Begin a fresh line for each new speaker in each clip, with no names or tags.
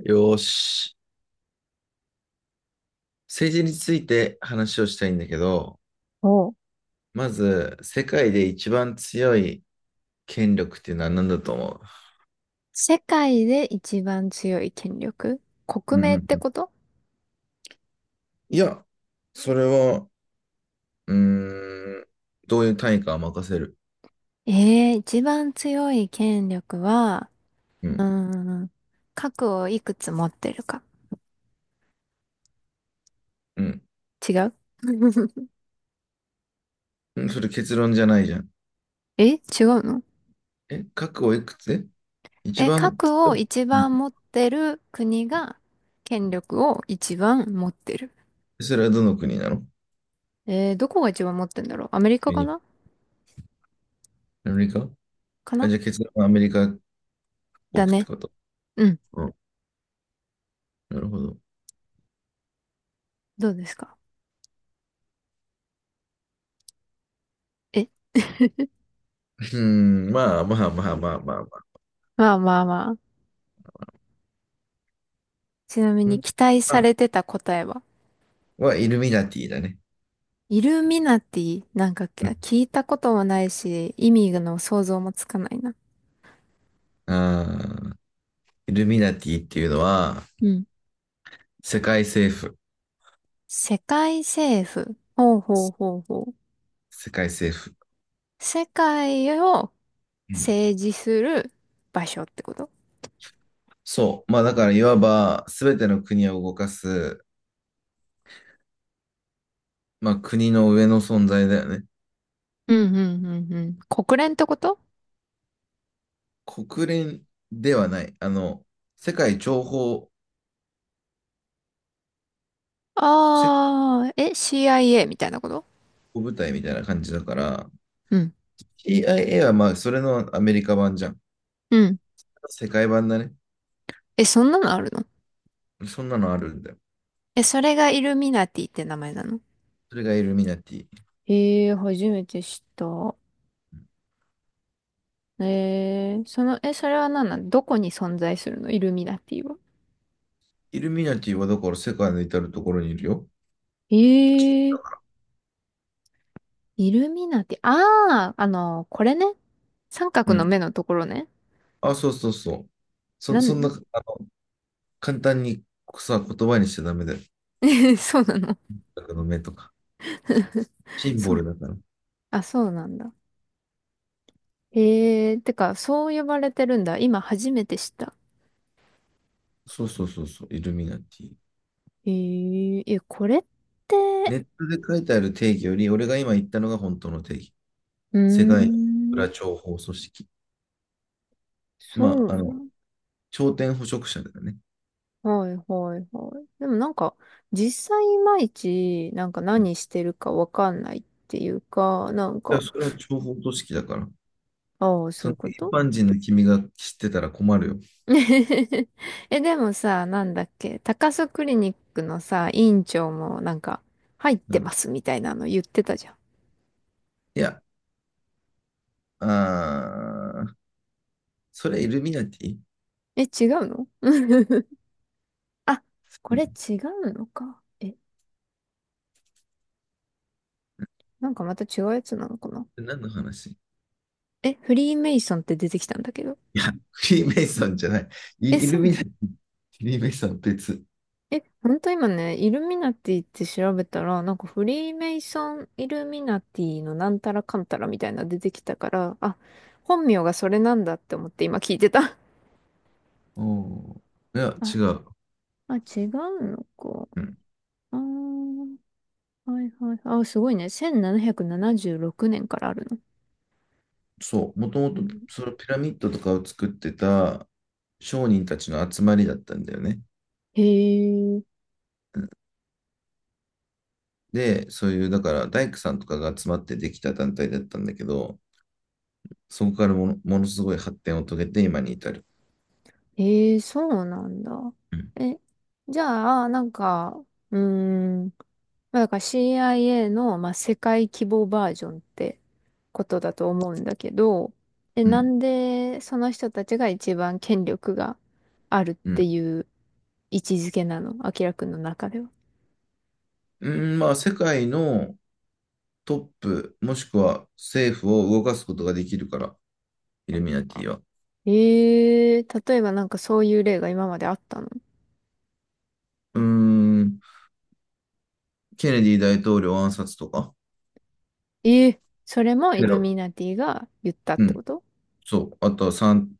よーし。政治について話をしたいんだけど、
お、
まず、世界で一番強い権力っていうのは何だと思
世界で一番強い権力、国
ううん
名
う
っ
んう
て
ん
こと？
いや、それは、うーん、どういう単位かは任せる。
ええー、一番強い権力は、
う
うー
ん、
ん、核をいくつ持ってるか。
うん。
違う。
うん、それ結論じゃないじゃん。
え、違うの？
え、核をいくつ、一
え、
番、
核を一
うん、
番持ってる国が権力を一番持ってる。
それはどの国なの。
えー、どこが一番持ってんだろう。アメリカ
ユ
か
ニ
な。
アメリカ。
か
あ、
な。
じゃあ結論はアメリカを
だ
置くって
ね。
こと。
うん。
うん、なるほど。う
どうですか？え。
ん、まあまあまあまあまあまあ。
まあまあまあ。ちなみ
う
に
ん、
期待されてた答えは、
はイルミナティだね。
イルミナティ、なんか
うん
聞いたこともないし、意味の想像もつかないな。
あーイルミナティっていうのは、
うん。
世界政府。
世界政府。ほうほうほうほう。
世界政府。
世界を
うん。
政治する場所ってこと？
そう。まあだから、いわば、すべての国を動かす、まあ国の上の存在だよね。
うんうんうんうん。国連ってこと？
国連ではない。あの、世界諜報、世界
ああー、え、CIA みた
諜
いなこと？
報部隊みたいな感じだから、
うん。
CIA はまあ、それのアメリカ版じゃん。
うん。
世界版だね。
え、そんなのあるの？
そんなのあるんだよ。
え、それがイルミナティって名前なの？
それがイルミナティ。
ええー、初めて知った。ええー、その、え、それは何なの？どこに存在するの？イルミナティは。
イルミナティはだから世界の至るところにいるよ。
ええ、イルミナティ。ああ、あの、これね。三
う
角の
ん。
目のところね。
あ、そうそうそう。
な
そんな、
ん。
あの、簡単にさ、言葉にしちゃダメだよ。
そうなの？
僕の目とか。シン
そ
ボル
う。
だから。
あ、そうなんだ。ええ、てか、そう呼ばれてるんだ。今初めて知った。
そうそうそうそう。イルミナティ。
えええ、これって、
ネットで書いてある定義より、俺が今言ったのが本当の定義。
うー
世界裏
ん、
情報組織。
そ
ま
う
あ、あ
な
の、
の。
頂点捕食者だよね。
はいはいはい。でもなんか、実際いまいち、なんか
うん。
何してるかわかんないっていうか、なん
いや、
か、
それは情報組織だから。
ああ、そ
そ
うい
の
うこ
一
と。
般人の君が知ってたら困るよ。
え、でもさ、なんだっけ、高須クリニックのさ、院長もなんか、入っ
う
てま
ん。
すみたいなの言ってたじゃん。
いや、あー、それイルミナティ。
え、違うの？ あ、こ
う
れ
ん、
違うのか。え、なんかまた違うやつなのかな。
何の話。
え、フリーメイソンって出てきたんだけど。
いや、フリーメイソンじゃない。
え、
イイ
そ
ル
う
ミ
な
ナ
の？
ティ、フリーメイソンは別。
え、ほんと今ね、イルミナティって調べたら、なんかフリーメイソン、イルミナティのなんたらかんたらみたいなの出てきたから、あ、本名がそれなんだって思って今聞いてた。
うん。いや、
あ、
違う。
あ、違うのか。
うん、
あー、はいはい。あ、すごいね。1776年からあるの。
そう、もとも
う
と
ん。
そのピラミッドとかを作ってた商人たちの集まりだったんだよね。
へえ、
で、そういう、だから大工さんとかが集まってできた団体だったんだけど、そこからものすごい発展を遂げて今に至る。
へえ、そうなんだ。
うん。
え、じゃあ、なんか、うーん、まあだから CIA の、まあ、世界規模バージョンってことだと思うんだけど、え、
う
な
ん。
んでその人たちが一番権力があるっ
う
て
ん。
いう位置づけなの？アキラくんの中では。
うん、まあ、世界のトップ、もしくは政府を動かすことができるから、イルミナティは。
ええ、例えばなんかそういう例が今まであったの？
うーん。ケネディ大統領暗殺とか、
ええ、それもイ
テ
ル
ロ、
ミナティが言ったっ
う
てこ
ん、
と？
そう、あとは3、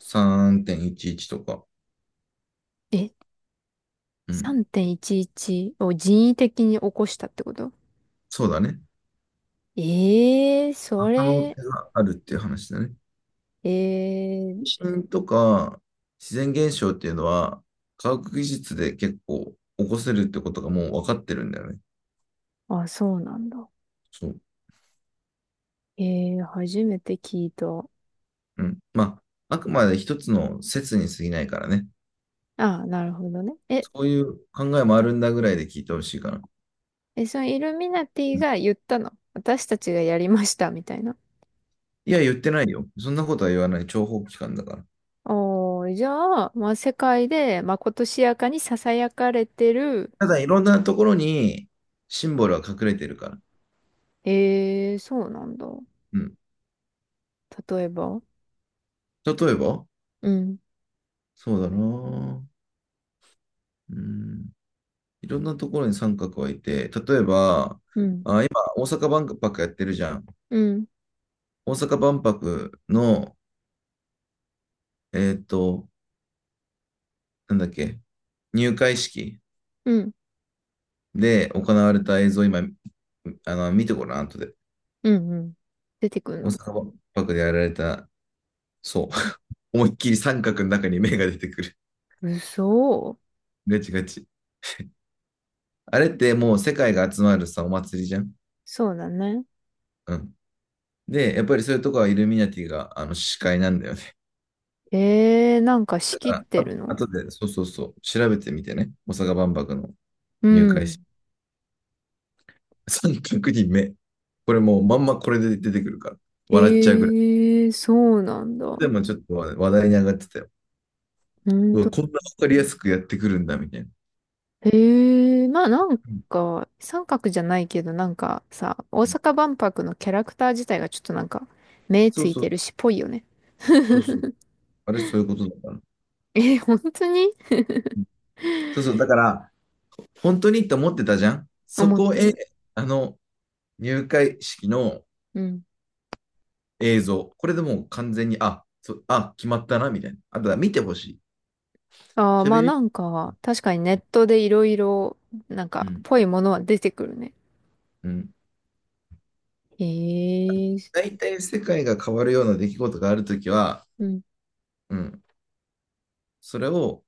3.11とか、
え、
うん、
3.11を人為的に起こしたってこと？
そうだね。
ええ、そ
可能
れ、
性があるっていう話だね。
え
地
え、
震とか自然現象っていうのは、科学技術で結構起こせるってことがもう分かってるんだよね。
あ、そうなんだ。
そう。
ええ、初めて聞いた。あ
うん。まあ、あくまで一つの説に過ぎないからね。
あ、なるほどね。え、
そういう考えもあるんだぐらいで聞いてほしいかな。
え、そのイルミナテ
う
ィ
ん。
が言ったの？私たちがやりました、みたいな。
いや、言ってないよ。そんなことは言わない。諜報機関だから。
おー、じゃあ、まあ、世界でまことしやかに囁かれてる。
ただいろんなところにシンボルは隠れてるから。
ええ、そうなんだ。
うん。
例えば。
例えば、
うん、
そうだな。うん。いろんなところに三角はいて、例えば、
うん。
大阪万博やってるじゃん。
うん
大阪万博の、えっと、なんだっけ、入会式
うん。
で行われた映像、今、あの、見てごらん、後で。
うんうん。出てくる
大
の。
阪万博でやられた、そう。思いっきり三角の中に目が出てくる。
嘘。
ガチガチ。あれってもう世界が集まるさ、お祭りじゃん。
そうだね。
うん。で、やっぱりそういうとこはイルミナティがあの司会なんだよね。
えー、なんか仕
だか
切っ
ら
てる
あ、あ
の？
とで、そうそうそう、調べてみてね。大阪万博の
う
入会
ん。
式。3組人目。これもうまんまこれで出てくるから。笑っちゃう
え
ぐらい。
ー、そうなんだ。
でもちょっと話題に上がってたよ。
ほん
うわ、
と。
こんなわかりやすくやってくるんだ、みたいな。
えー、まあなん
うん。
か、三角じゃないけど、なんかさ、大阪万博のキャラクター自体がちょっとなんか、目
そ
つ
う
い
そう、
てるし、ぽいよね。
そうそう。あれ、そういうことだから、
えー、本当に。
そうそう、だから、本当にって思ってたじゃん。そ
思っ
こ
て
へ、
る。
あの、入会式の
うん。
映像。これでもう完全に、決まったな、みたいな。あとは見てほしい。
ああ、まあ
喋り、
なんか、確かにネットでいろいろ、なん
う
か、
ん、
ぽいものは出てくるね。
うん。
へえ。
大体世界が変わるような出来事があるときは、
うん
うん、それを、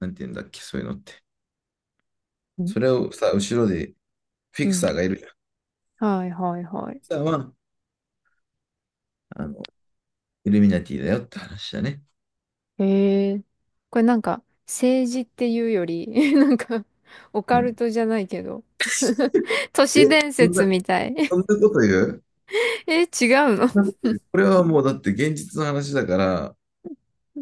なんて言うんだっけ、そういうのって。
うん。
それをさ、後ろで、フィ
う
ク
ん。
サーがいるじゃん。フ
はいはいは
ィク
い。
サーは、あの、イルミナティだよって話だね。
へえ。これなんか、政治っていうより、なんか、オ
う
カル
ん。
トじゃないけど、都
え、
市伝
そん
説
な、
みたい。
そん なこと言う
え、違うの？
そんなこと言う。これはもうだって現実の話だから、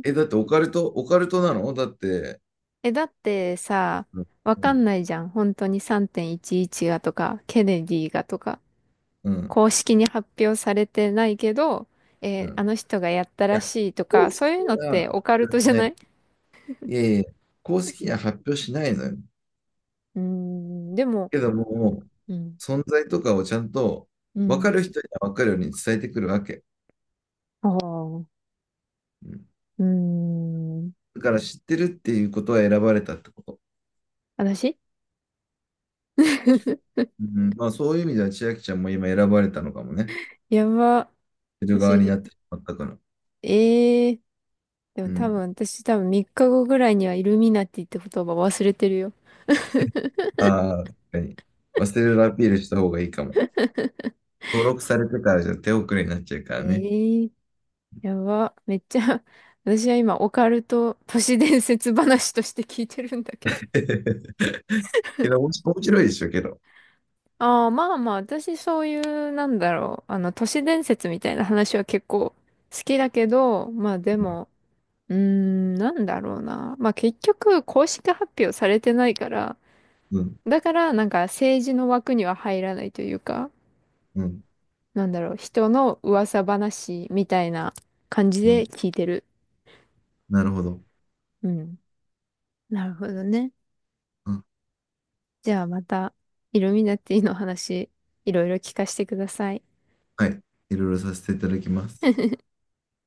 え、だってオカルトなのだって、
え、だってさ、
うん、
わ
う
か
ん、
んないじゃん。本当に3.11がとか、ケネディがとか、
うん。
公式に発表されてないけど、え
う
ーあ
ん、
の人がやったらしいと
公
か、
式に
そういうのって
は
オカル
発表
ト
し
じゃ
ない。
ない？
いえいえ、公式には発表しないのよ。
うーん、でも、
けども、
うん、
存在とかをちゃんと
う
分か
ん、
る人には分かるように伝えてくるわけ。
ああ、う
うん、
ーん、
だから知ってるっていうことは選ばれたってこと。
私。
うん、まあそういう意味では千秋ちゃんも今選ばれたのかもね。
やば。
知る側にな
私、
ってしまったから。
ええー。で
う
も多
ん。
分、私多分3日後ぐらいにはイルミナティって言葉忘れてるよ。
ああ、確かに。忘れるアピールした方がいいかも。登録されてからじゃ手遅れになっちゃうか
え
らね。
えー。やば。めっちゃ 私は今、オカルト都市伝説話として聞いてるんだけど。
けど、面白いでしょ、けど。
ああ、まあまあ、私そういう、なんだろう。あの、都市伝説みたいな話は結構好きだけど、まあで
うん、
も、うーん、なんだろうな。まあ結局、公式発表されてないから、
うん、
だから、なんか政治の枠には入らないというか、
うん。
なんだろう、人の噂話みたいな感じ
うん、
で聞いてる。
なるほど。
うん。なるほどね。
あ、
じゃあまた、イルミナティの話、いろいろ聞かせてください。
はい。いろいろさせていただきます。